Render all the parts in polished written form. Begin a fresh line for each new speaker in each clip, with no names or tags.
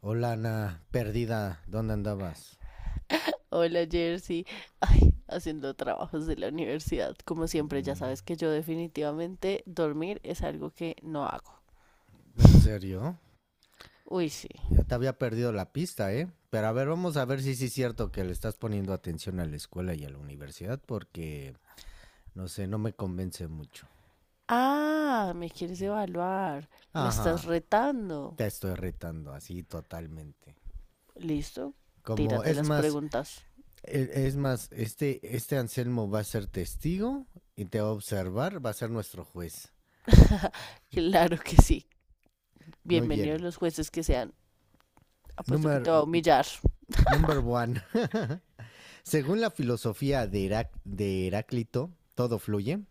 Hola, Ana, perdida, ¿dónde andabas?
Hola Jersey, ay, haciendo trabajos de la universidad, como siempre, ya
Mm,
sabes que yo definitivamente dormir es algo que no hago.
¿en serio?
Uy, sí.
Ya te había perdido la pista, ¿eh? Pero a ver, vamos a ver si sí es cierto que le estás poniendo atención a la escuela y a la universidad porque, no sé, no me convence mucho.
Ah, me quieres evaluar, me estás
Ajá,
retando.
te estoy retando así totalmente.
¿Listo?
Como,
Tírate
es
las
más,
preguntas.
es más, este Anselmo va a ser testigo y te va a observar, va a ser nuestro juez.
Claro que sí.
Muy
Bienvenidos
bien.
los jueces que sean. Apuesto que
Number
te va a humillar.
number one. Según la filosofía de, de Heráclito, todo fluye.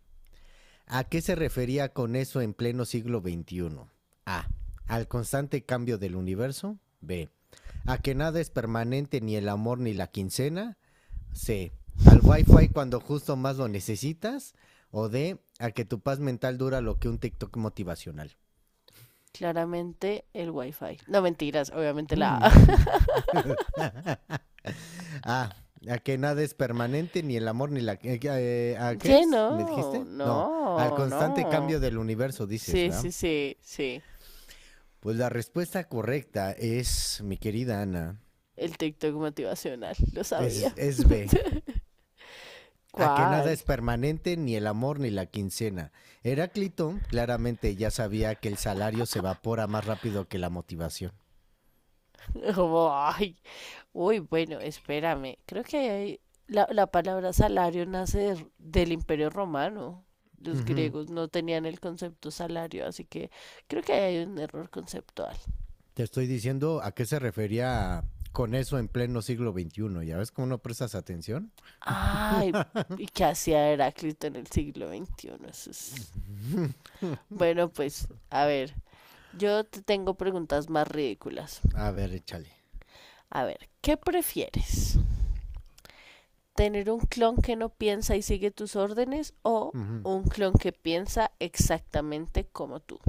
¿A qué se refería con eso en pleno siglo XXI? A. Al constante cambio del universo. B. A que nada es permanente ni el amor ni la quincena. C. Al wifi cuando justo más lo necesitas. O D. A que tu paz mental dura lo que un TikTok motivacional.
Claramente el wifi. No mentiras, obviamente la...
Ah, a que nada es permanente, ni el amor, ni la... ¿a qué
¿Qué
es? ¿Me
no?
dijiste? No, al
No,
constante
no.
cambio del universo, dices,
Sí,
¿verdad?
sí, sí, sí.
Pues la respuesta correcta es, mi querida Ana,
El TikTok motivacional, lo sabía.
es B. A que nada
¿Cuál?
es permanente, ni el amor, ni la quincena. Heráclito claramente ya sabía que el salario se evapora más rápido que la motivación.
Como, ay, uy, bueno, espérame. La palabra salario nace del Imperio Romano. Los
Ujú.
griegos no tenían el concepto salario, así que creo que ahí hay un error conceptual.
Te estoy diciendo a qué se refería con eso en pleno siglo XXI. ¿Ya ves cómo no prestas atención?
Ay, ¿y qué hacía Heráclito en el siglo XXI? Bueno, pues, a ver, yo te tengo preguntas más ridículas.
A ver, échale.
A ver, ¿qué prefieres? Tener un clon que no piensa y sigue tus órdenes, o
Ujú.
un clon que piensa exactamente como tú.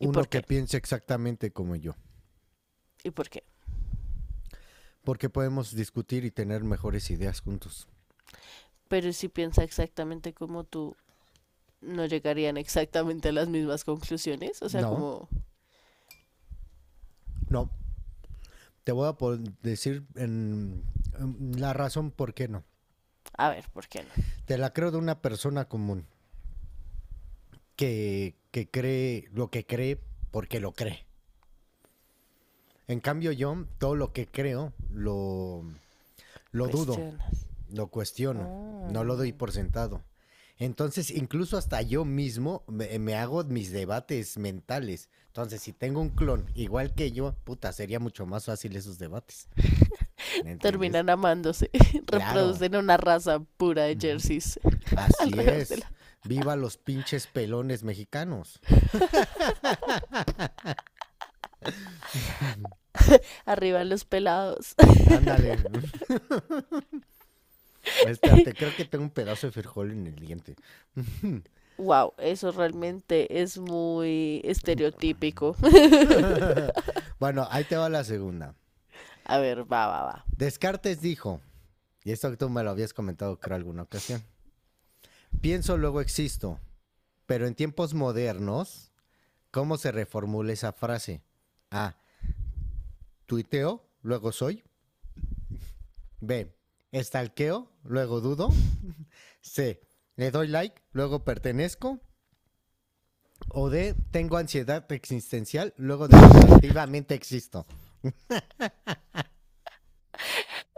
¿Y
Uno
por
que
qué?
piense exactamente como yo,
¿Y por qué?
porque podemos discutir y tener mejores ideas juntos.
Pero si piensa exactamente como tú, no llegarían exactamente a las mismas conclusiones. O sea,
No,
como,
no, te voy a decir en la razón por qué no.
a ver, ¿por qué no?
Te la creo de una persona común que cree lo que cree porque lo cree. En cambio yo todo lo que creo lo dudo.
Cuestionas.
Lo cuestiono, no lo doy
Ah.
por sentado. Entonces, incluso hasta yo mismo me hago mis debates mentales. Entonces, si tengo un clon igual que yo, puta, sería mucho más fácil esos debates. ¿Me entiendes?
Terminan amándose.
Claro.
Reproducen una raza pura de
Ujú.
jerseys
Así
alrededor de
es.
la...
Viva los pinches pelones mexicanos.
Arriba los pelados.
Ándale. Espérate, creo que tengo un pedazo de frijol en el diente.
Wow, eso realmente es muy estereotípico.
Bueno, ahí te va la segunda.
A ver, va, va, va.
Descartes dijo, y esto tú me lo habías comentado creo alguna ocasión. Pienso, luego existo. Pero en tiempos modernos, ¿cómo se reformula esa frase? A. Tuiteo, luego soy. B. Estalqueo, luego dudo. C. Le doy like, luego pertenezco. O D. Tengo ansiedad existencial, luego definitivamente existo.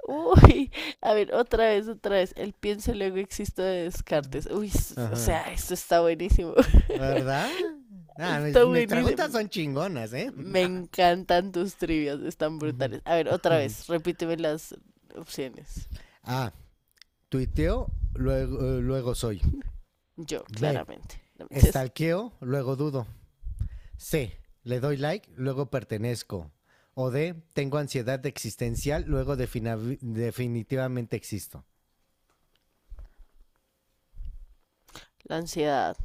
Uy, a ver, otra vez, otra vez. El pienso luego existo de Descartes. O
Ajá.
sea, esto está buenísimo.
¿Verdad? Ah,
Está
mis preguntas
buenísimo.
son chingonas, ¿eh?
Me encantan tus trivias, están brutales. A ver, otra vez, repíteme las opciones.
A. Tuiteo, luego, luego soy.
Yo,
B.
claramente. No, mentiras.
Estalqueo, luego dudo. C. Le doy like, luego pertenezco. O D. Tengo ansiedad existencial, luego definitivamente existo.
La ansiedad.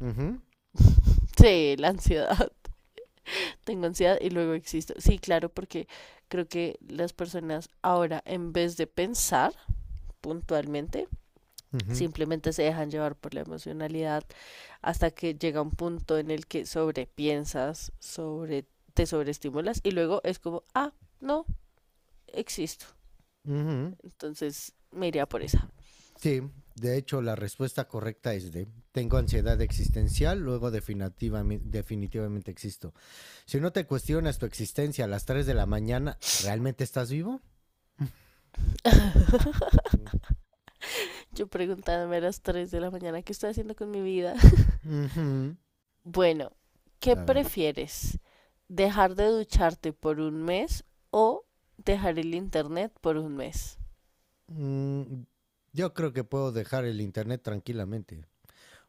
Ujú,
Sí, la ansiedad. Tengo ansiedad y luego existo. Sí, claro, porque creo que las personas ahora, en vez de pensar puntualmente,
ujú,
simplemente se dejan llevar por la emocionalidad hasta que llega un punto en el que sobrepiensas, te sobreestimulas y luego es como, ah, no, existo.
ujú.
Entonces me iría por esa.
Sí, de hecho la respuesta correcta es D. Tengo ansiedad existencial, luego definitivamente existo. Si no te cuestionas tu existencia a las 3 de la mañana, ¿realmente estás vivo?
Yo preguntándome a las 3 de la mañana qué estoy haciendo con mi vida.
Ujú.
Bueno, ¿qué
A ver.
prefieres? ¿Dejar de ducharte por un mes, o dejar el internet por un mes?
Mm, yo creo que puedo dejar el internet tranquilamente.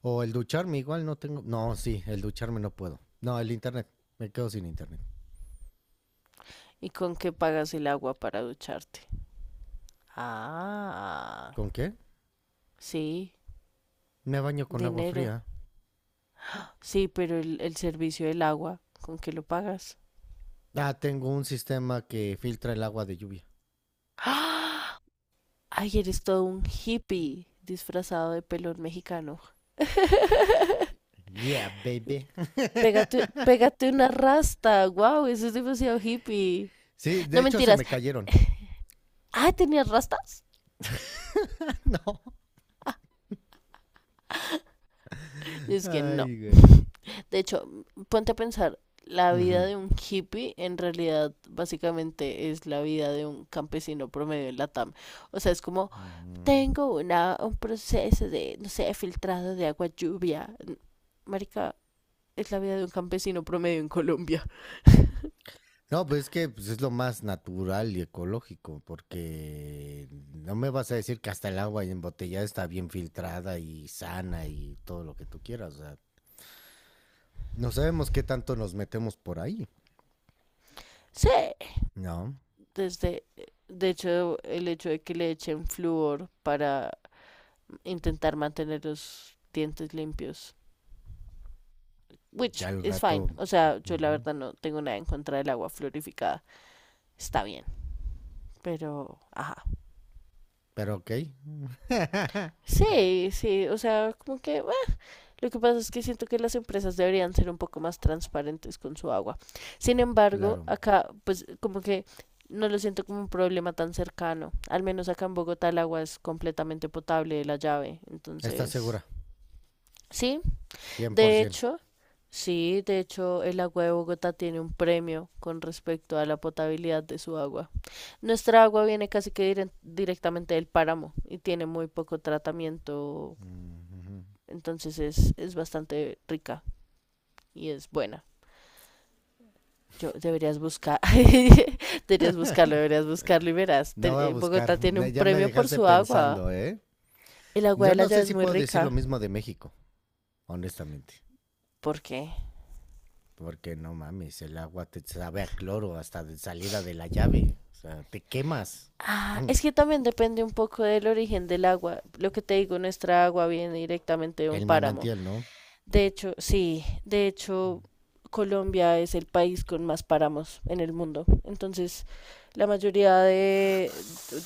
O el ducharme, igual no tengo. No, sí, el ducharme no puedo. No, el internet. Me quedo sin internet.
¿Y con qué pagas el agua para ducharte? Ah,
¿Con qué?
sí,
Me baño con agua
dinero.
fría.
Sí, pero el servicio del agua, ¿con qué lo pagas?
Ah, tengo un sistema que filtra el agua de lluvia.
¡Ah! Ay, eres todo un hippie disfrazado de pelón mexicano.
Yeah, baby.
Pégate, pégate una rasta. Wow, eso es demasiado hippie.
Sí, de
No
hecho se
mentiras.
me cayeron.
Ah, ¿tenías rastas?
No.
Es que no.
Ay, güey.
De hecho, ponte a pensar, la vida
Ujú.
de un hippie en realidad básicamente es la vida de un campesino promedio en Latam. O sea, es como tengo un proceso de, no sé, filtrado de agua lluvia. Marica, es la vida de un campesino promedio en Colombia.
No, pues es que pues, es lo más natural y ecológico, porque no me vas a decir que hasta el agua embotellada está bien filtrada y sana y todo lo que tú quieras. O sea, no sabemos qué tanto nos metemos por ahí.
Sí,
No,
desde, de hecho, el hecho de que le echen flúor para intentar mantener los dientes limpios. Which
ya el
is
rato.
fine. O sea, yo la
Ujú.
verdad no tengo nada en contra del agua fluorificada. Está bien, pero, ajá.
Pero ok,
Sí, sí, o sea, como que lo que pasa es que siento que las empresas deberían ser un poco más transparentes con su agua. Sin embargo,
claro.
acá, pues como que no lo siento como un problema tan cercano. Al menos acá en Bogotá el agua es completamente potable de la llave.
¿Estás
Entonces,
segura?
sí, de
100%.
hecho, sí, de hecho el agua de Bogotá tiene un premio con respecto a la potabilidad de su agua. Nuestra agua viene casi que directamente del páramo y tiene muy poco tratamiento.
Ujú.
Entonces es bastante rica y es buena. Yo deberías buscar, deberías buscarlo y verás.
No voy a
Bogotá
buscar.
tiene un
Ya me
premio por
dejaste
su agua.
pensando, ¿eh?
El agua
Yo
de la
no
llave
sé
es
si
muy
puedo decir lo
rica.
mismo de México, honestamente.
¿Por qué?
Porque no mames, el agua te sabe a cloro hasta de salida de la llave. O sea, te quemas.
Ah,
Ujú.
es que también depende un poco del origen del agua. Lo que te digo, nuestra agua viene directamente de un
El
páramo.
manantial, ¿no?
De hecho, sí, de hecho, Colombia es el país con más páramos en el mundo. Entonces, la mayoría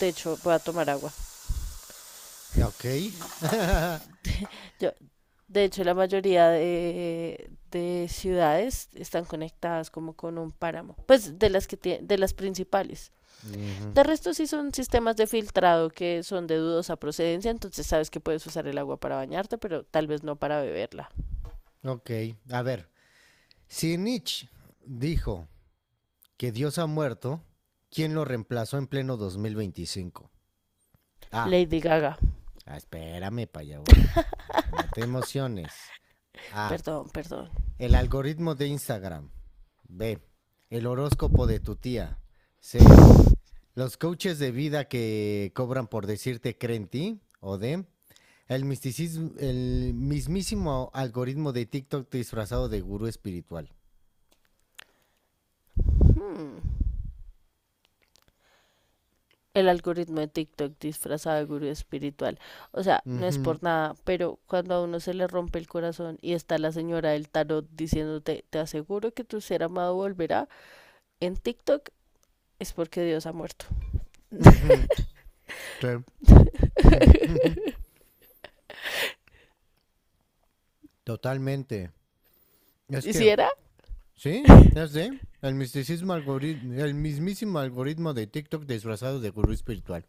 de hecho, voy a tomar agua.
Ok.
Yo, de hecho, la mayoría de ciudades están conectadas como con un páramo, pues de las que de las principales.
Ujú.
De resto sí son sistemas de filtrado que son de dudosa procedencia, entonces sabes que puedes usar el agua para bañarte, pero tal vez no para beberla.
Ok, a ver. Si Nietzsche dijo que Dios ha muerto, ¿quién lo reemplazó en pleno 2025? A. Ah,
Lady Gaga.
ah, espérame, para allá voy. No te emociones. A.
Perdón, perdón.
El algoritmo de Instagram. B. El horóscopo de tu tía. C. Los coaches de vida que cobran por decirte creen en ti. O D. El, misticismo, el mismísimo algoritmo de TikTok disfrazado de gurú espiritual.
Hmm, el algoritmo de TikTok disfrazado de gurú espiritual. O sea, no es
Ujú,
por nada, pero cuando a uno se le rompe el corazón y está la señora del tarot diciéndote, te aseguro que tu ser amado volverá, en TikTok es porque Dios ha muerto.
ujú, sí, ujú, ujú. Totalmente. Es
¿Y si
que
era?
sí, ya sé. El misticismo algoritmo, el mismísimo algoritmo de TikTok disfrazado de gurú espiritual.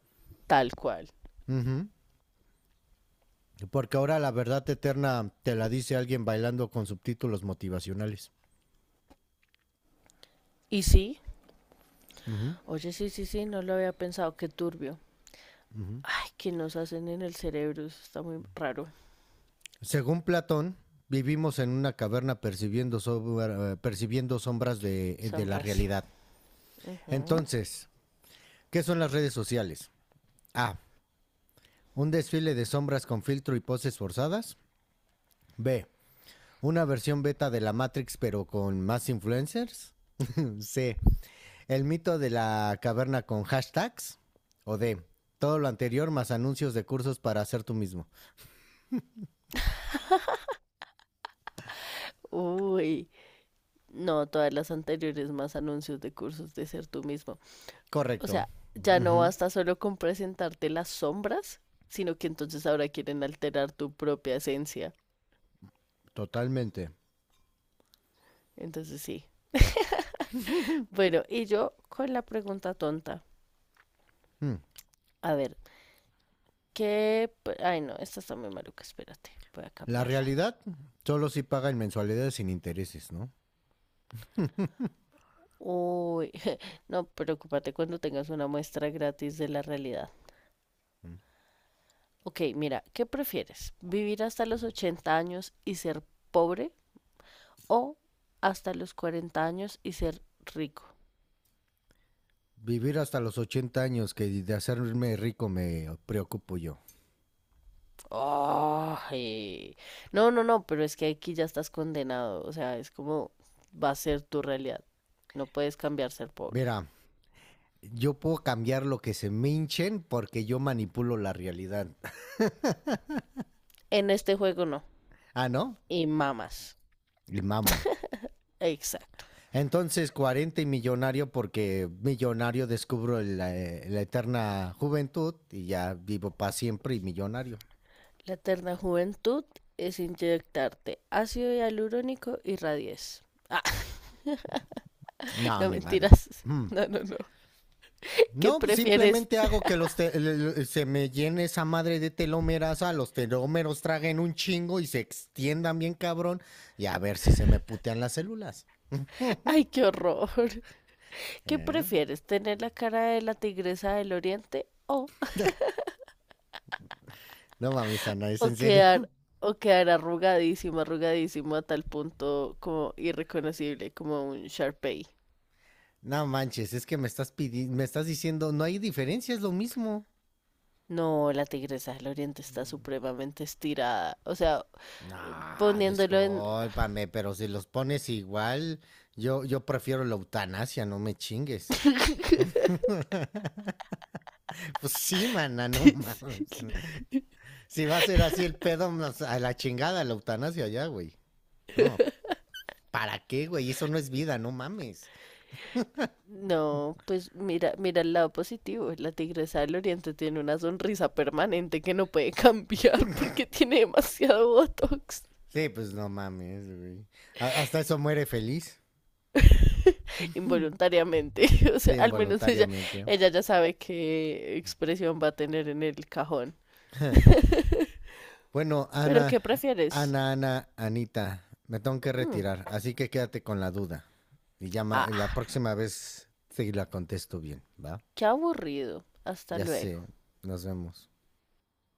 Tal cual.
Ujú. Porque ahora la verdad eterna te la dice alguien bailando con subtítulos motivacionales.
¿Y sí?
Ujú,
Oye, sí, sí, sí, no lo había pensado, qué turbio.
ujú.
Ay, qué nos hacen en el cerebro, eso está muy raro.
Según Platón, vivimos en una caverna percibiendo, percibiendo sombras de la
Sombras.
realidad.
Ujú.
Entonces, ¿qué son las redes sociales? A. Un desfile de sombras con filtro y poses forzadas. B. Una versión beta de la Matrix pero con más influencers. C. El mito de la caverna con hashtags. O D. Todo lo anterior más anuncios de cursos para hacer tú mismo.
Uy, no, todas las anteriores más anuncios de cursos de ser tú mismo. O
Correcto.
sea, ya no
Ujú,
basta solo con presentarte las sombras, sino que entonces ahora quieren alterar tu propia esencia.
totalmente.
Entonces sí. Bueno, y yo con la pregunta tonta.
Mm.
A ver, Ay, no, esta está muy maluca, espérate, voy a
La
cambiarla.
realidad solo si paga en mensualidades sin intereses, ¿no?
Uy, no, preocúpate cuando tengas una muestra gratis de la realidad.
Mm.
Ok, mira, ¿qué prefieres? ¿Vivir hasta los 80 años y ser pobre, o hasta los 40 años y ser rico?
Vivir hasta los 80 años que de hacerme rico me preocupo yo.
Ay. No, no, no, pero es que aquí ya estás condenado. O sea, es como va a ser tu realidad. No puedes cambiar ser pobre.
Verá, yo puedo cambiar lo que se me hinchen porque yo manipulo la realidad.
En este juego no.
Ah, ¿no?
Y mamas.
Y mamo.
Exacto.
Entonces, 40 y millonario porque millonario descubro la, la eterna juventud y ya vivo para siempre y millonario.
La eterna juventud es inyectarte ácido hialurónico y radies. Ah,
No,
no
ni madres.
mentiras.
Mm.
No, no, no. ¿Qué
No, pues
prefieres?
simplemente hago que los se me llene esa madre de telómeras, a los telómeros traguen un chingo y se extiendan bien cabrón y a ver si se me putean las células.
Ay, qué horror. ¿Qué
¿Eh?
prefieres? ¿Tener la cara de la tigresa del oriente, o
No mames, Ana, es
O
en serio.
quedar, o quedar arrugadísimo, arrugadísimo a tal punto como irreconocible, como un Sharpei?
No manches, es que me me estás diciendo, no hay diferencia, es lo mismo.
No, la tigresa del oriente está supremamente estirada. O sea,
No,
poniéndolo en...
discúlpame, pero si los pones igual, yo prefiero la eutanasia, no me chingues. Pues sí, mana, no mames. Si va a ser así el pedo, a la chingada, la eutanasia ya, güey. No, ¿para qué, güey? Eso no es vida, no mames.
No, pues mira, mira el lado positivo. La tigresa del oriente tiene una sonrisa permanente que no puede cambiar porque tiene demasiado botox.
Sí, pues no mames, güey. A- hasta eso muere feliz.
Involuntariamente. O
Sí,
sea, al menos ella,
involuntariamente.
ella ya sabe qué expresión va a tener en el cajón.
Bueno,
¿Pero
Ana,
qué prefieres?
Anita, me tengo que
Mm,
retirar, así que quédate con la duda. Y llama, la
ah,
próxima vez sí la contesto bien, ¿va?
qué aburrido. Hasta
Ya
luego.
sé, nos vemos.